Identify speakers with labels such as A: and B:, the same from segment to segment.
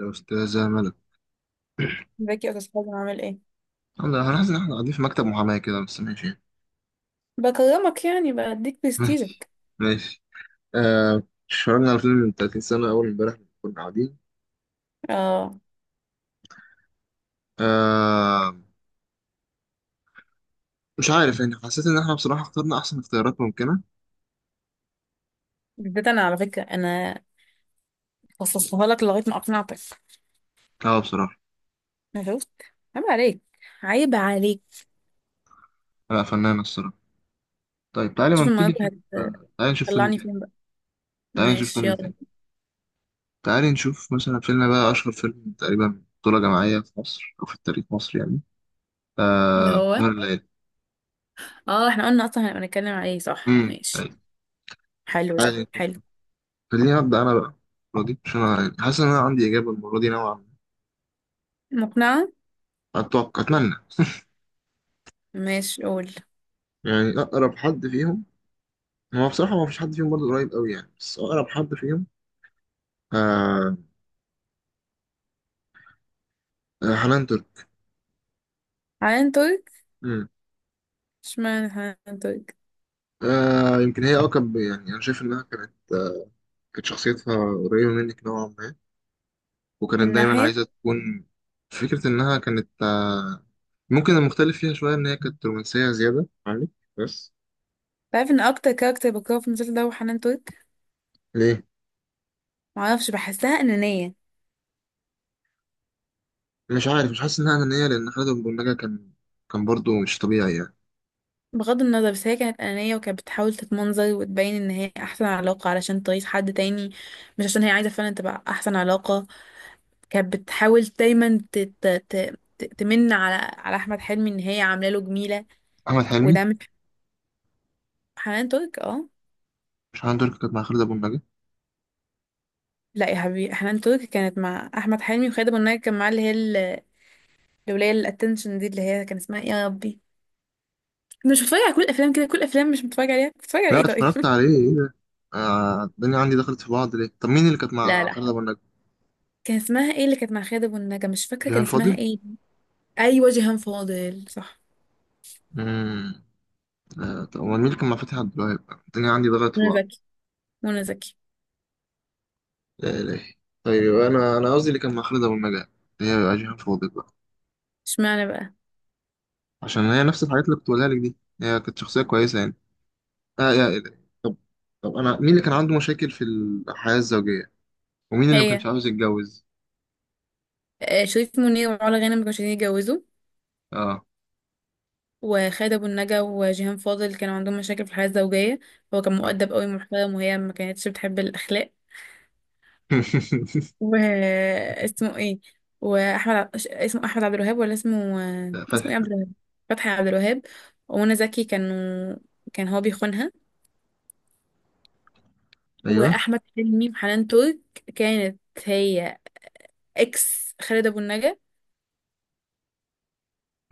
A: يا أستاذة ملك،
B: ازيك يا استاذ حازم، عامل ايه؟
A: أنا هنحس إن إحنا قاعدين في مكتب محاماة كده. بس
B: بكرمك، يعني بديك
A: ماشي
B: برستيجك.
A: ماشي آه اتفرجنا على فيلم من 30 سنة، أول إمبارح كنا قاعدين.
B: اه،
A: آه، مش عارف يعني، حسيت إن إحنا بصراحة اخترنا أحسن اختيارات ممكنة.
B: بالذات انا على فكره انا خصصتها لك لغايه ما اقنعتك.
A: أه بصراحة.
B: أنا شفت. عيب عليك، عيب عليك.
A: لا، فنانة الصراحة. طيب تعالي ما
B: شوف
A: نبتدي
B: النهارده
A: نشوف.
B: هت-
A: تعالي نشوف فيلم
B: هتطلعني
A: تاني.
B: فين بقى؟
A: تعالي نشوف
B: ماشي،
A: فيلم
B: يلا.
A: تاني تعالي نشوف مثلا فيلم بقى، أشهر فيلم تقريبا بطولة جماعية في مصر، أو في التاريخ مصر يعني.
B: اللي
A: آه،
B: هو،
A: سهر الليالي.
B: اه احنا قلنا اصلا هنبقى نتكلم على ايه؟ صح،
A: أمم،
B: ماشي.
A: طيب.
B: حلو، ده
A: تعالي
B: حلو.
A: نشوف. خليني أبدأ أنا بقى المرة دي، عشان أنا حاسس إن أنا عندي إجابة المرة دي نوعا
B: مقنعه.
A: ما، أتوقع أتمنى
B: ماشي قول.
A: يعني أقرب حد فيهم، هو بصراحة ما فيش حد فيهم برضه قريب أوي يعني، بس أقرب حد فيهم آه، حنان ترك.
B: حنان ترك.
A: مم.
B: اشمعنى حنان ترك؟
A: آه يمكن هي أقرب، يعني أنا شايف إنها كانت كانت شخصيتها قريبة منك نوعا ما، وكانت
B: من
A: دايما
B: ناحيه،
A: عايزة تكون، فكرة إنها كانت ممكن المختلف فيها شوية إن هي كانت رومانسية زيادة عنك بس.
B: تعرف ان اكتر كاركتر بكرهه في المسلسل ده هو حنان ترك.
A: ليه؟
B: معرفش، بحسها انانيه.
A: مش عارف، مش حاسس إنها أنانية، لأن خالد أبو النجا كان، كان برضه مش طبيعي يعني.
B: بغض النظر، بس هي كانت أنانية وكانت بتحاول تتمنظر وتبين إن هي أحسن علاقة علشان ترضي حد تاني، مش عشان هي عايزة فعلا تبقى أحسن علاقة. كانت بتحاول دايما تمن على أحمد حلمي إن هي عاملة له جميلة.
A: احمد حلمي؟
B: وده مش، حنان ترك اه.
A: مش عنده اللي كانت مع خالد ابو النجا؟
B: لا يا حبيبي، حنان ترك كانت مع أحمد حلمي، وخالد أبو النجا كان معاه اللي هي الولاية الاتنشن دي، اللي هي كان اسمها إيه يا ربي؟ أنا مش بتفرج على كل الأفلام كده. كل الأفلام مش بتفرج عليها، بتفرج على
A: لا
B: إيه طيب؟
A: اتفرجت عليه، ايه ده؟ آه الدنيا عندي دخلت في بعض. ليه؟ طب مين اللي كانت
B: لا
A: مع
B: لا،
A: خالد ابو النجا؟
B: كان اسمها ايه اللي كانت مع خالد ابو النجا؟ مش فاكره كان
A: جيهان
B: اسمها
A: فاضل.
B: ايه. ايوه جيهان فاضل صح.
A: امم. آه طب امال مين اللي كان مع فتحي عبد الوهاب؟ الدنيا عندي دخلت في
B: منى
A: بعض.
B: زكي، منى زكي.
A: لا اله. طيب انا قصدي اللي كان مع خالد ابو النجا، اللي هي بقى جيهان فاضل بقى.
B: اشمعنى بقى؟
A: عشان هي نفس الحاجات اللي كنت بقولها لك دي. هي كانت شخصيه كويسه يعني. اه يا اله. طب، طب انا مين اللي كان عنده مشاكل في الحياه الزوجيه، ومين اللي ما كانش
B: هي.
A: عاوز يتجوز؟
B: شريف منير وعلا غانم ما كانوش عايزين يتجوزوا،
A: اه.
B: وخالد ابو النجا وجيهان فاضل كانوا عندهم مشاكل في الحياه الزوجيه. هو كان مؤدب قوي محترم، وهي ما كانتش بتحب الاخلاق. واسمه ايه؟ واحمد ع- ش- اسمه احمد عبد الوهاب، ولا اسمه اسمه
A: فتحي.
B: ايه، عبد الوهاب؟ فتحي عبد الوهاب ومنى زكي كانوا، كان هو بيخونها.
A: ايوه.
B: واحمد حلمي وحنان ترك، كانت هي اكس خالد ابو النجا،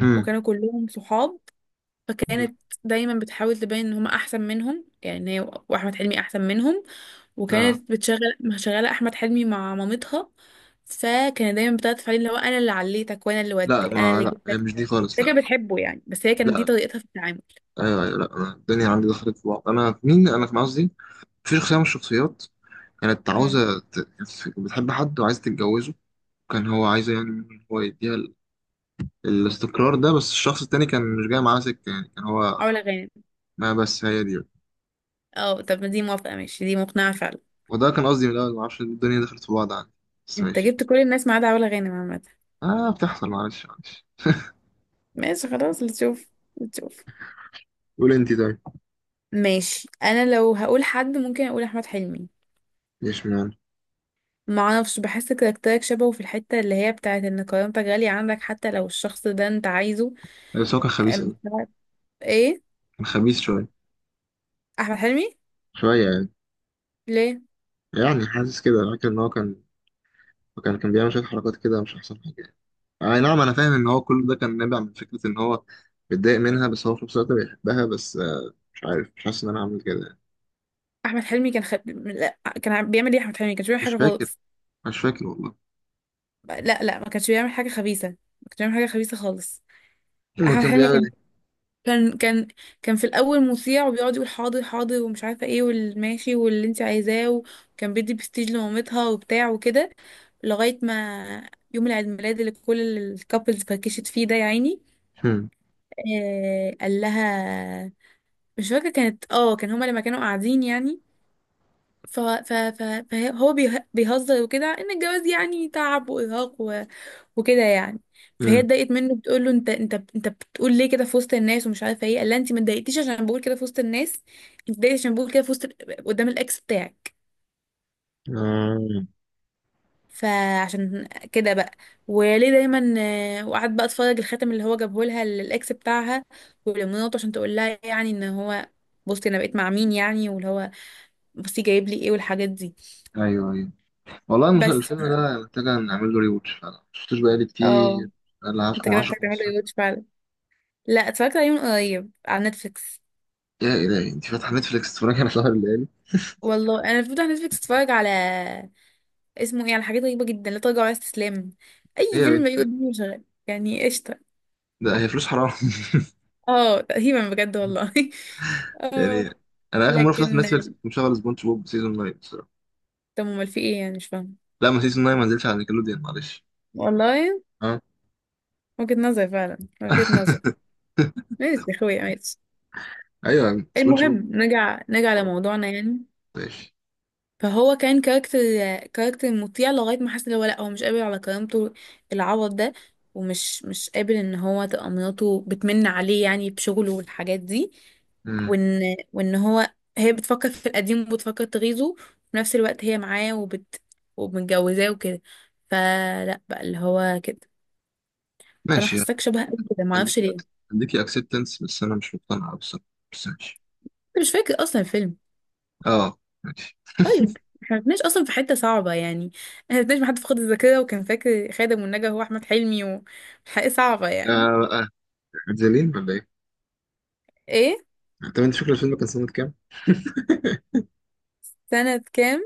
A: امم.
B: وكانوا كلهم صحاب. فكانت دايما بتحاول تبين ان هم احسن منهم، يعني هي واحمد حلمي احسن منهم.
A: لا،
B: وكانت بتشغل مشغله احمد حلمي مع مامتها، فكانت دايما بتعطف عليه اللي هو انا اللي عليتك، وانا اللي ود،
A: لا
B: انا
A: ما،
B: اللي
A: لا هي
B: جبتك.
A: مش دي خالص،
B: هي
A: لا.
B: كانت بتحبه يعني، بس هي كانت دي
A: لا،
B: طريقتها في التعامل.
A: ايوه ايوه، لا انا الدنيا عندي دخلت في بعض. انا في مين انا كان قصدي؟ في شخصيه من الشخصيات كانت
B: امم،
A: عاوزه ت... كانت بتحب حد وعايزه تتجوزه، كان هو عايزه يعني إن هو يديها ال... الاستقرار ده، بس الشخص التاني كان مش جاي معاه سكه يعني، كان هو.
B: علا غانم.
A: ما بس هي دي.
B: اه، طب ما دي موافقه، ماشي، دي مقنعه فعلا.
A: وده كان قصدي من الاول، ما اعرفش الدنيا دخلت في بعض عندي، بس
B: انت
A: ماشي.
B: جبت كل الناس ما عدا علا غانم عامه.
A: اه بتحصل، معلش معلش.
B: ماشي، خلاص، اللي تشوف، اللي تشوف.
A: قول انت طيب.
B: ماشي، انا لو هقول حد ممكن اقول احمد حلمي.
A: ليش مان؟
B: ما اعرفش، بحس كاركترك شبهه في الحتة اللي هي بتاعت ان كرامتك غالية عندك حتى لو الشخص ده انت عايزه.
A: بس هو كان خبيث قوي.
B: أم- ايه؟
A: كان خبيث شويه،
B: احمد حلمي؟
A: شويه يعني.
B: ليه؟
A: يعني حاسس كده، فاكر ان هو كان، وكان بيعمل شوية حركات كده، مش أحسن حاجة يعني. أي نعم، أنا فاهم إن هو كل ده كان نابع من فكرة إن هو متضايق منها، بس هو في نفس الوقت بيحبها، بس مش عارف، مش حاسس إن أنا هعمل كده يعني.
B: احمد حلمي لا، بيعمل ايه احمد حلمي؟ كانش بيعمل
A: مش
B: حاجة
A: فاكر،
B: خالص.
A: مش فاكر والله.
B: لا لا، ما كانش بيعمل حاجة خبيثة، ما كانش بيعمل حاجة خبيثة خالص.
A: المهم
B: احمد
A: كان
B: حلمي
A: بيعمل
B: كان،
A: إيه؟
B: كان كان في الاول مطيع وبيقعد يقول حاضر حاضر ومش عارفة ايه، والماشي، واللي انت عايزاه. وكان بيدي برستيج لمامتها وبتاع وكده، لغاية ما يوم العيد ميلاد اللي كل الكابلز فركشت فيه ده يا عيني.
A: هم.
B: قال لها، مش فاكره كانت اه، كان هما لما كانوا قاعدين يعني، ف ف ف فهو بيهزر وكده ان الجواز يعني تعب وارهاق وكده يعني. فهي
A: هم.
B: اتضايقت منه، بتقول له انت، انت بتقول ليه كده في وسط الناس ومش عارفه ايه؟ قال لها انت ما اتضايقتيش عشان بقول كده في وسط الناس، انت اتضايقتي عشان بقول كده في وسط، قدام الاكس بتاعك.
A: آه.
B: فعشان كده بقى، وليه دايما، وقعدت بقى اتفرج الخاتم اللي هو جابه لها الاكس بتاعها ولمراته، عشان تقول لها يعني ان هو، بصي انا بقيت مع مين يعني، واللي هو بصي جايب لي ايه والحاجات دي.
A: أيوه أيوه، والله المسلسل،
B: بس
A: الفيلم ده محتاجة نعمل له ريوتش فعلا، مشفتوش بقالي
B: اه،
A: كتير. بقالي
B: انت
A: 10
B: كده
A: 10
B: محتاج تعمل
A: 15.
B: ريواتش فعلا. لا، اتفرجت عليه من قريب على نتفليكس.
A: يا إلهي أنت فاتحة نتفليكس تتفرجي على سهر الليالي؟
B: والله انا المفروض على نتفليكس اتفرج على، اسمه ايه، على حاجات غريبه جدا، لا تراجع ولا استسلام.
A: إيه
B: اي
A: يا
B: فيلم بيجي
A: بنت ده؟
B: قدامي شغال يعني قشطه.
A: ده هي فلوس حرام.
B: اه تقريبا بجد والله. اه
A: يعني أنا آخر مرة فتحت
B: لكن،
A: نتفليكس كنت مشغل سبونج بوب سيزون 9.
B: طب امال في ايه يعني؟ مش فاهمه.
A: لا ما سيزون 9 ما نزلش على نيكلوديان، معلش.
B: والله،
A: اه.
B: وجهة نظر فعلا، وجهة نظر. ماشي يا اخويا ماشي.
A: ايوه سبونج
B: المهم
A: بوب.
B: نرجع، نرجع
A: خلاص.
B: لموضوعنا يعني.
A: ماشي.
B: فهو كان كاركتر، كاركتر مطيع لغاية ما حس ان هو لا، هو مش قابل على كرامته العوض ده، ومش، مش قابل ان هو تبقى مراته بتمن عليه يعني بشغله والحاجات دي.
A: مم.
B: وان وان هو، هي بتفكر في القديم وبتفكر تغيظه، وفي نفس الوقت هي معاه وبت، ومتجوزاه وكده. فلا بقى اللي هو كده. فانا
A: ماشي.
B: حاساك شبه قوي كده، ما اعرفش
A: هديكي
B: ليه
A: أك-
B: انت.
A: هديكي اكسبتنس، بس انا مش مقتنع بصراحه، بس ماشي.
B: مش فاكر اصلا الفيلم.
A: اه. ماشي.
B: طيب، احنا ما كناش اصلا في حته صعبه يعني. احنا ما كناش بحد فقد الذاكره وكان فاكر خادم والنجا هو احمد حلمي. وحقيقة صعبه يعني.
A: آه، زلين ولا ايه؟
B: ايه
A: طب انت فاكر الفيلم كان سنة كام؟
B: سنه كام؟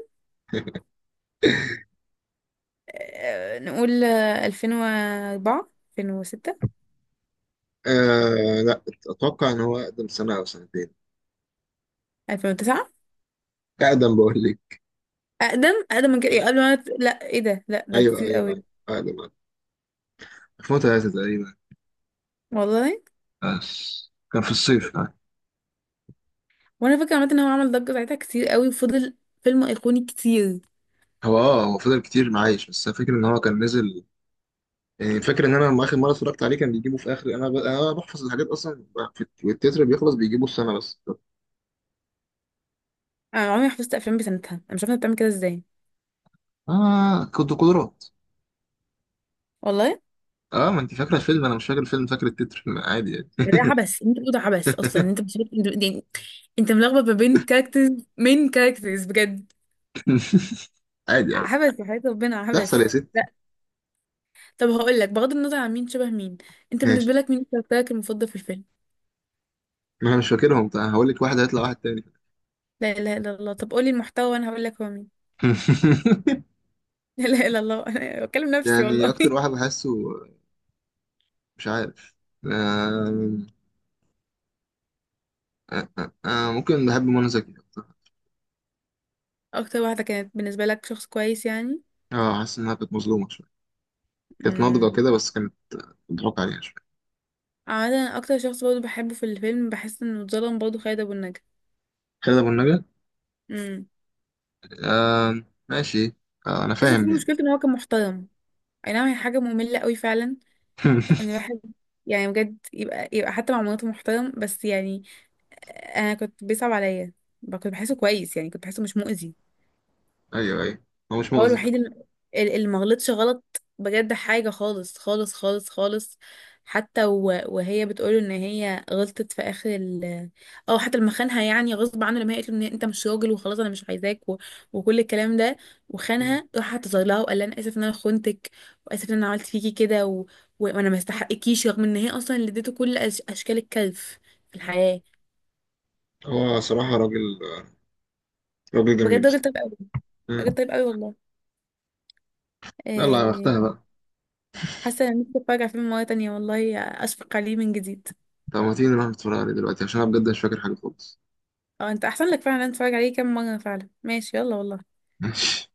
B: نقول 2004، 2006،
A: آه لا، اتوقع ان هو اقدم سنة او سنتين.
B: 2009.
A: اقدم بقول لك.
B: اقدم، اقدم من كده؟ إيه،
A: ايوه
B: قبل ما أنا- لا ايه ده، لا ده
A: ايوه
B: كتير
A: أيوة،
B: قوي.
A: اقدم أقدم. 2003 تقريبا،
B: والله،
A: بس كان في الصيف آه.
B: وانا فاكره عامه ان هو عمل ضجه ساعتها كتير قوي، وفضل فيلم ايقوني كتير.
A: هو اه هو فضل كتير معايش، بس فاكر ان هو كان نزل يعني. فاكر ان انا لما اخر مره اتفرجت عليه كان بيجيبوا في اخر انا ب... انا بحفظ الحاجات اصلا في التتر، بيخلص بيجيبوا السنه بس.
B: انا عمري ما حفظت افلام بسنتها، انا مش عارفه أنت بتعمل كده ازاي.
A: اه كنت قدرات.
B: والله
A: اه ما انت فاكره الفيلم، انا مش فاكر الفيلم، فاكر التتر عادي يعني.
B: ده عبث، انت بتقول ده عبث اصلا، ان انت مش عارف- انت يعني، انت ملخبط ما بين كاركترز. مين كاركترز بجد؟
A: عادي عادي.
B: عبث يا حياة ربنا،
A: تحصل
B: عبث.
A: يا ستي.
B: لا. طب هقول لك بغض النظر عن مين شبه مين، انت
A: ماشي،
B: بالنسبه لك مين كاركترك المفضل في الفيلم؟
A: ما انا مش فاكرهم، طيب هقول لك واحد هيطلع واحد تاني.
B: لا اله الا الله، طب قولي المحتوى وانا هقول لك هو مين. لا اله الا الله انا بكلم نفسي
A: يعني
B: والله.
A: اكتر واحد بحسه، مش عارف، آه... ممكن بحب منى زكي أكتر.
B: اكتر واحده كانت بالنسبه لك شخص كويس يعني؟
A: اه حاسس انها كانت مظلومه شويه، كانت ناضجه
B: امم،
A: كده، بس كانت بتضحك عليها شويه.
B: عادة اكتر شخص برضه بحبه في الفيلم، بحس انه اتظلم برضه، خالد ابو النجا.
A: خالد ابو النجا.
B: امم،
A: ماشي. آه، انا
B: بحس
A: فاهم
B: كل
A: يعني.
B: مشكلته ان هو كان محترم. اي نعم هي حاجه ممله قوي فعلا. انا بحب، يعني بجد يبقى، يبقى حتى مع مناطق محترم بس يعني. انا كنت بيصعب عليا، كنت بحسه كويس يعني، كنت بحسه مش مؤذي.
A: ايوه ايوه، هو مش
B: هو
A: مؤذي فعلا.
B: الوحيد اللي، اللي ما غلطش غلط بجد حاجة، خالص خالص خالص خالص. حتى وهي بتقوله ان هي غلطت في اخر ال، او حتى لما خانها يعني غصب عنه، لما هي قالت له ان انت مش راجل وخلاص انا مش عايزاك، و، وكل الكلام ده.
A: مم.
B: وخانها راح اعتذر لها وقال لها انا اسف ان انا خنتك، واسف ان انا عملت فيكي كده، وانا ما استحقكيش، رغم ان هي اصلا اللي اديته كل اشكال الكلف في الحياة.
A: هو صراحة راجل، راجل جميل.
B: بجد راجل طيب قوي، راجل
A: مم.
B: طيب قوي والله.
A: يلا
B: آه،
A: اختها بقى.
B: حاسه ان نفسي اتفرج على فيلم مره تانية والله، اشفق عليه من جديد.
A: طب ما تيجي نروح نتفرج عليه دلوقتي، عشان انا بجد مش فاكر حاجة خالص.
B: اه، انت احسن لك فعلا إن أنا اتفرج عليه كام مره فعلا. ماشي، يلا والله.
A: ماشي